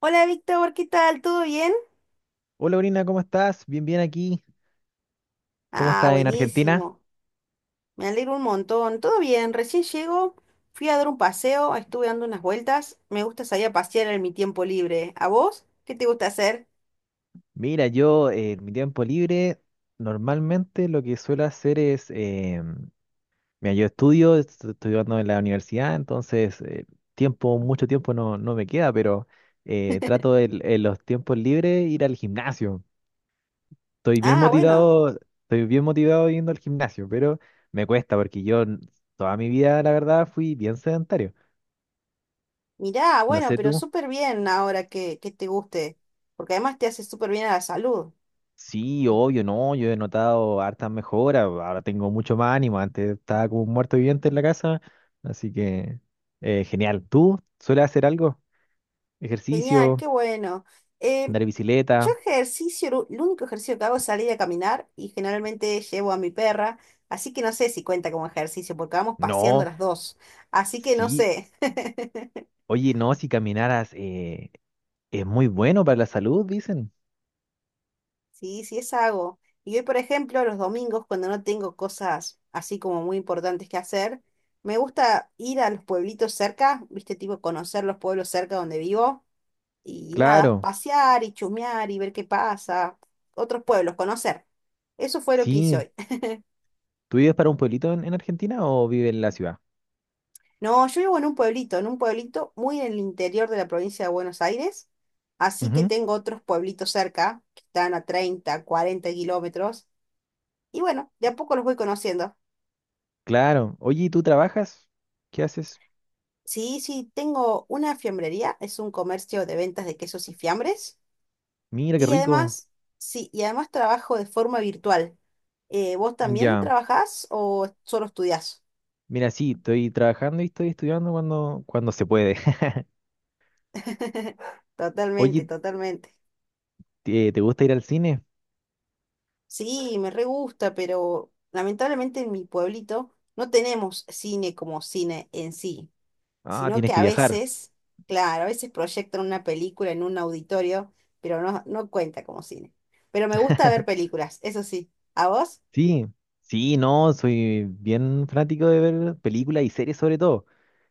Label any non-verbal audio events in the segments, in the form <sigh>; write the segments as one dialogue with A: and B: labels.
A: Hola Víctor, ¿qué tal? ¿Todo bien?
B: Hola, Brina, ¿cómo estás? Bien, bien aquí. ¿Cómo
A: Ah,
B: estás en Argentina?
A: buenísimo. Me alegro un montón. Todo bien, recién llego, fui a dar un paseo, estuve dando unas vueltas. Me gusta salir a pasear en mi tiempo libre. ¿A vos? ¿Qué te gusta hacer?
B: Mira, yo en mi tiempo libre normalmente lo que suelo hacer es, mira, yo estoy estudiando en la universidad, entonces mucho tiempo no, no me queda, pero trato en los tiempos libres ir al gimnasio.
A: Ah, bueno,
B: Estoy bien motivado yendo al gimnasio, pero me cuesta porque yo toda mi vida, la verdad, fui bien sedentario.
A: mirá,
B: No
A: bueno,
B: sé
A: pero
B: tú.
A: súper bien ahora que, te guste, porque además te hace súper bien a la salud.
B: Sí, obvio, no, yo he notado hartas mejoras, ahora tengo mucho más ánimo, antes estaba como un muerto viviente en la casa, así que genial. ¿Tú sueles hacer algo?
A: Genial,
B: ¿Ejercicio?
A: qué bueno. Eh,
B: ¿Andar
A: Yo
B: bicicleta?
A: ejercicio, el único ejercicio que hago es salir a caminar y generalmente llevo a mi perra, así que no sé si cuenta como ejercicio porque vamos paseando
B: No,
A: las dos, así que no
B: sí,
A: sé. <laughs>
B: oye, no, si caminaras es muy bueno para la salud, dicen.
A: Sí, sí es algo. Y hoy, por ejemplo, los domingos, cuando no tengo cosas así como muy importantes que hacer, me gusta ir a los pueblitos cerca, viste, tipo conocer los pueblos cerca donde vivo y nada,
B: Claro,
A: pasear y chusmear y ver qué pasa, otros pueblos, conocer. Eso fue lo que hice
B: sí.
A: hoy.
B: ¿Tú vives para un pueblito en Argentina o vives en la ciudad?
A: No, yo vivo en un pueblito muy en el interior de la provincia de Buenos Aires, así que
B: Ujú,
A: tengo otros pueblitos cerca, que están a 30, 40 km, y bueno, de a poco los voy conociendo.
B: claro, oye, ¿y tú trabajas? ¿Qué haces?
A: Sí, sí, tengo una fiambrería, es un comercio de ventas de quesos y fiambres,
B: Mira, qué
A: y
B: rico.
A: además, sí, y además trabajo de forma virtual. ¿Vos también
B: Ya.
A: trabajás o solo estudiás?
B: Mira, sí, estoy trabajando y estoy estudiando cuando se puede. <laughs>
A: <laughs> Totalmente,
B: Oye,
A: totalmente.
B: ¿te gusta ir al cine?
A: Sí, me re gusta, pero lamentablemente en mi pueblito no tenemos cine como cine en sí,
B: Ah,
A: sino
B: tienes
A: que
B: que
A: a
B: viajar.
A: veces, claro, a veces proyectan una película en un auditorio, pero no, no cuenta como cine. Pero me gusta ver
B: <laughs>
A: películas, eso sí. ¿A vos?
B: Sí, sí, no, soy bien fanático de ver películas y series sobre todo.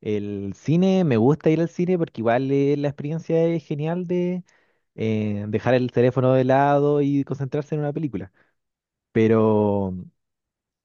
B: El cine, me gusta ir al cine porque igual la experiencia es genial de dejar el teléfono de lado y concentrarse en una película. Pero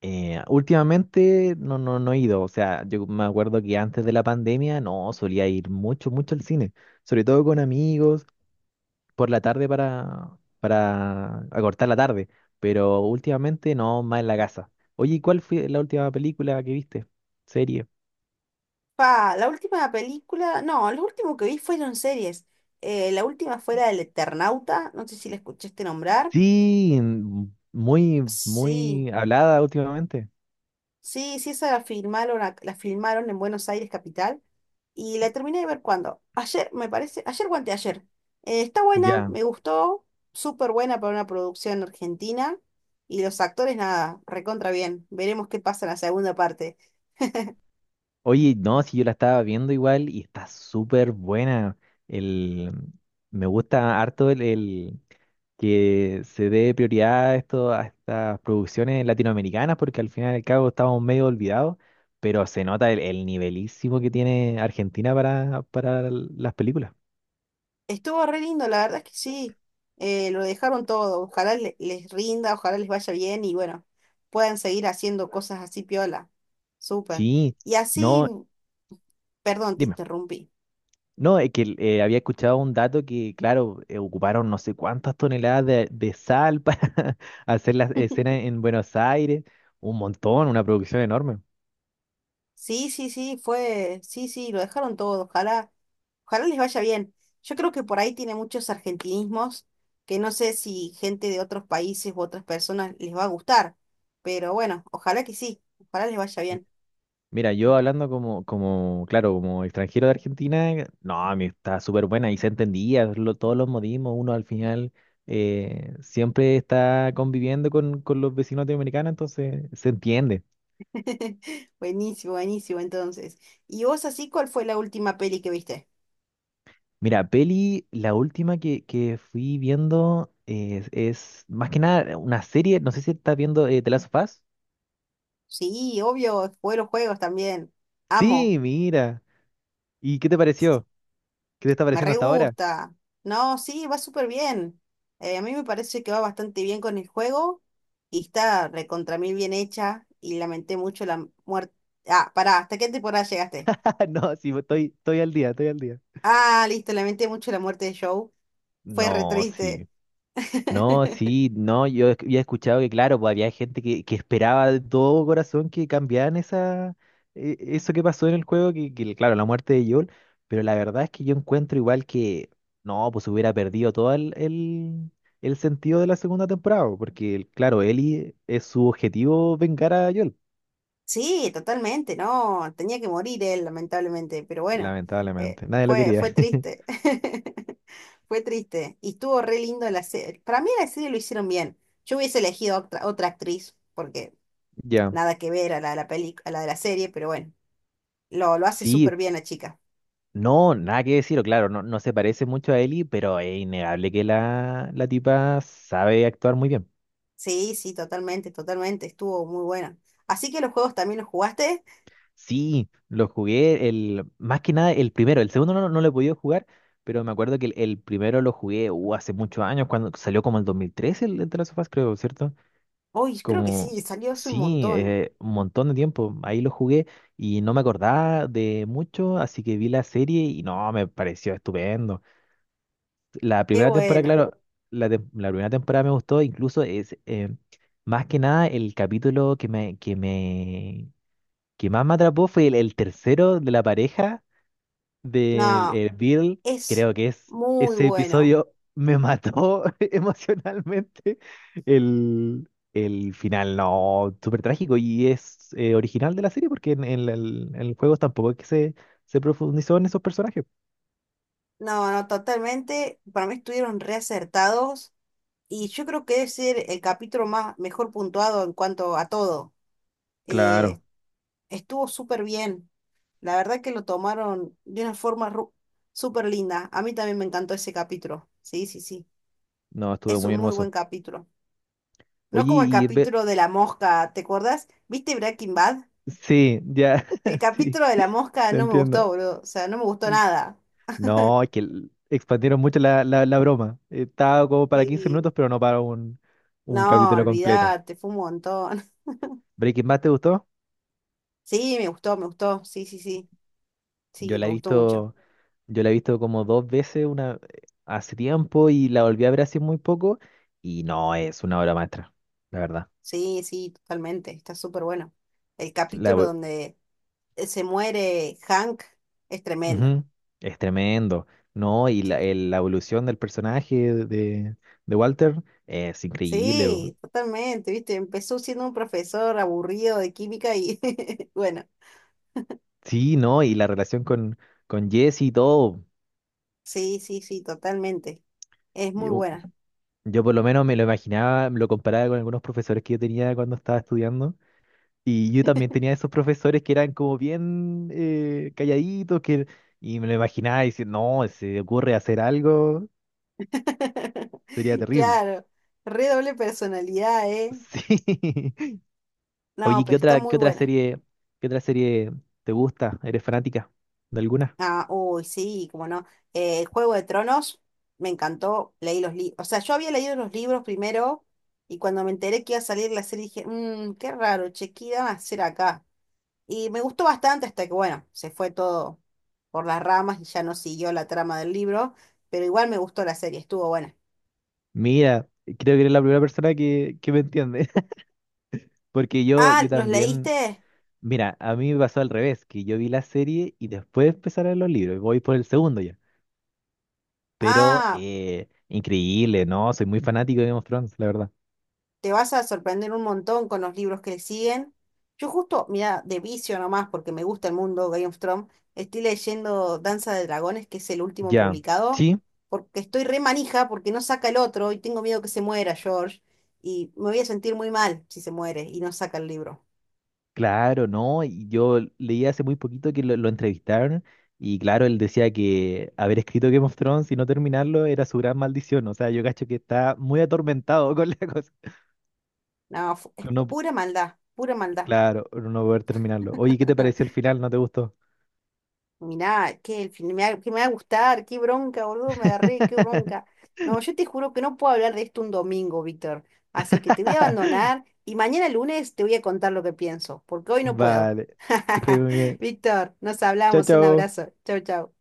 B: Últimamente no, no, no he ido, o sea, yo me acuerdo que antes de la pandemia no solía ir mucho, mucho al cine, sobre todo con amigos, por la tarde para acortar la tarde, pero últimamente no, más en la casa. Oye, ¿y cuál fue la última película que viste? Serie.
A: Pa, la última película, no, lo último que vi fueron series. La última fue la del Eternauta, no sé si la escuchaste nombrar.
B: Sí, muy,
A: Sí.
B: muy hablada últimamente.
A: Sí, sí, esa la filmaron, la filmaron en Buenos Aires capital y la terminé de ver cuando, ayer, me parece, ayer o anteayer. Está buena,
B: Ya.
A: me gustó, súper buena para una producción argentina y los actores nada, recontra bien. Veremos qué pasa en la segunda parte.
B: Oye, no, si yo la estaba viendo igual y está súper buena. El, me gusta harto que se dé prioridad a esto, a estas producciones latinoamericanas, porque al final y al cabo estamos medio olvidados, pero se nota el nivelísimo que tiene Argentina para las películas.
A: Estuvo re lindo, la verdad es que sí, lo dejaron todo. Ojalá les rinda, ojalá les vaya bien y bueno, puedan seguir haciendo cosas así piola. Súper.
B: Sí,
A: Y así,
B: no,
A: perdón, te
B: dime.
A: interrumpí.
B: No, es que había escuchado un dato que, claro, ocuparon no sé cuántas toneladas de sal para <laughs> hacer las
A: <laughs>
B: escenas en Buenos Aires, un montón, una producción enorme.
A: Sí, sí, sí, fue, sí, sí, lo dejaron todo, ojalá, ojalá les vaya bien. Yo creo que por ahí tiene muchos argentinismos que no sé si gente de otros países u otras personas les va a gustar, pero bueno, ojalá que sí, ojalá les vaya bien.
B: Mira, yo hablando como, claro, como extranjero de Argentina, no, a mí está súper buena y se entendía todos los modismos. Uno al final siempre está conviviendo con los vecinos latinoamericanos, entonces se entiende.
A: <laughs> Buenísimo, buenísimo entonces. ¿Y vos así cuál fue la última peli que viste?
B: Mira, peli, la última que fui viendo es más que nada una serie, no sé si estás viendo The Last of Us.
A: Sí, obvio, jugué los juegos también. Amo.
B: Sí, mira. ¿Y qué te pareció? ¿Qué te está
A: Me
B: pareciendo
A: re
B: hasta ahora?
A: gusta. No, sí, va súper bien. A mí me parece que va bastante bien con el juego y está recontra mil bien hecha y lamenté mucho la muerte. Ah, pará, ¿hasta qué temporada llegaste?
B: <laughs> No, sí, estoy al día, estoy al día.
A: Ah, listo, lamenté mucho la muerte de Joe. Fue re
B: No,
A: triste.
B: sí. No,
A: <laughs>
B: sí, no, yo había escuchado que, claro, pues había gente que esperaba de todo corazón que cambiaran esa, eso que pasó en el juego, que, claro, la muerte de Joel, pero la verdad es que yo encuentro igual que, no, pues hubiera perdido todo el sentido de la segunda temporada, porque, claro, Ellie es su objetivo vengar a Joel,
A: Sí, totalmente, no, tenía que morir él, lamentablemente, pero bueno,
B: lamentablemente, nadie lo
A: fue,
B: quería.
A: fue
B: <laughs>
A: triste, <laughs> fue triste, y estuvo re lindo la serie, para mí la serie lo hicieron bien, yo hubiese elegido otra actriz, porque
B: Ya.
A: nada que ver a la de la peli, a la de la serie, pero bueno, lo hace súper
B: Sí,
A: bien la chica,
B: no, nada que decir, o claro, no, no se parece mucho a Ellie, pero es innegable que la tipa sabe actuar muy bien.
A: sí, sí, totalmente, totalmente, estuvo muy buena, así que los juegos también los jugaste,
B: Sí, lo jugué más que nada el primero, el segundo no, no lo he podido jugar, pero me acuerdo que el primero lo jugué hace muchos años, cuando salió como el 2013 el The Last of Us, creo, ¿cierto?
A: uy, creo que
B: Como,
A: sí, salió hace un
B: sí,
A: montón,
B: un montón de tiempo, ahí lo jugué y no me acordaba de mucho, así que vi la serie y no, me pareció estupendo. La
A: qué
B: primera temporada,
A: buena,
B: claro, la primera temporada me gustó, incluso más que nada el capítulo que más me atrapó fue el tercero de la pareja del
A: no,
B: el Bill.
A: es
B: Creo que es
A: muy
B: ese
A: bueno.
B: episodio me mató <laughs> emocionalmente. El final, no, súper trágico y es original de la serie porque en el juego tampoco es que se profundizó en esos personajes.
A: No, no, totalmente. Para mí estuvieron reacertados y yo creo que debe ser el capítulo más mejor puntuado en cuanto a todo. Eh,
B: Claro,
A: estuvo súper bien. La verdad que lo tomaron de una forma súper linda. A mí también me encantó ese capítulo. Sí, sí, sí.
B: no, estuvo
A: Es un
B: muy
A: muy buen
B: hermoso.
A: capítulo. No
B: Oye,
A: como el capítulo de la mosca, ¿te acuerdas? ¿Viste Breaking Bad?
B: sí, ya,
A: El
B: <laughs> sí,
A: capítulo de la mosca
B: te
A: no me gustó,
B: entiendo.
A: boludo. O sea, no me gustó nada.
B: No, es que expandieron mucho la broma. Estaba como para 15
A: Sí.
B: minutos, pero no para un
A: No,
B: capítulo completo.
A: olvídate, fue un montón.
B: ¿Breaking Bad te gustó?
A: Sí, me gustó, me gustó. Sí, sí, sí.
B: Yo
A: Sí,
B: la
A: me
B: he
A: gustó mucho.
B: visto, yo la he visto como dos veces una, hace tiempo y la volví a ver hace muy poco. Y no, es una obra maestra, la verdad.
A: Sí, sí, totalmente. Está súper bueno. El
B: La,
A: capítulo
B: evo-
A: donde se muere Hank es tremendo.
B: Ujú, es tremendo. No, y
A: Sí.
B: la evolución del personaje de, de Walter es increíble.
A: Sí, totalmente, ¿viste? Empezó siendo un profesor aburrido de química y <laughs> bueno,
B: Sí, no, y la relación con Jesse y todo.
A: sí, sí, sí, totalmente. Es muy buena.
B: Yo por lo menos me lo imaginaba, lo comparaba con algunos profesores que yo tenía cuando estaba estudiando. Y yo también tenía esos profesores que eran como bien calladitos, y me lo imaginaba diciendo, no, si se ocurre hacer algo,
A: <laughs>
B: sería terrible.
A: Claro, re doble personalidad, ¿eh?
B: Sí. <laughs>
A: No,
B: Oye,
A: pero está
B: qué
A: muy
B: otra
A: buena.
B: serie, qué otra serie te gusta? ¿Eres fanática de alguna?
A: Ah, uy, sí, como no. Juego de Tronos, me encantó, leí los libros. O sea, yo había leído los libros primero y cuando me enteré que iba a salir la serie dije, mmm, qué raro, che, ¿qué irán a hacer acá? Y me gustó bastante hasta que, bueno, se fue todo por las ramas y ya no siguió la trama del libro, pero igual me gustó la serie, estuvo buena.
B: Mira, creo que eres la primera persona que me entiende. <laughs> Porque yo,
A: Ah,
B: yo
A: ¿los
B: también.
A: leíste?
B: Mira, a mí me pasó al revés, que yo vi la serie y después empezaron los libros. Voy por el segundo ya. Pero
A: Ah,
B: increíble, ¿no? Soy muy fanático de Game of Thrones, la verdad.
A: te vas a sorprender un montón con los libros que le siguen. Yo justo, mira, de vicio nomás, porque me gusta el mundo Game of Thrones, estoy leyendo Danza de Dragones, que es el último
B: Ya,
A: publicado,
B: sí,
A: porque estoy re manija, porque no saca el otro y tengo miedo que se muera George, y me voy a sentir muy mal si se muere y no saca el libro.
B: claro, ¿no? Y yo leí hace muy poquito que lo entrevistaron y claro, él decía que haber escrito Game of Thrones y no terminarlo era su gran maldición. O sea, yo cacho que está muy atormentado <laughs> con la cosa.
A: No, es
B: Con no,
A: pura maldad, pura maldad.
B: claro, no poder terminarlo. Oye, ¿qué te pareció
A: <laughs>
B: el final? ¿No te gustó?
A: Mirá, que el fin me va, que me va a gustar, qué bronca, boludo, me agarré, qué
B: <laughs>
A: bronca. No, yo te juro que no puedo hablar de esto un domingo, Víctor. Así que te voy a abandonar y mañana lunes te voy a contar lo que pienso, porque hoy no puedo.
B: Vale, que estés muy bien.
A: <laughs> Víctor, nos
B: Chao,
A: hablamos, un
B: chao.
A: abrazo. Chau, chau.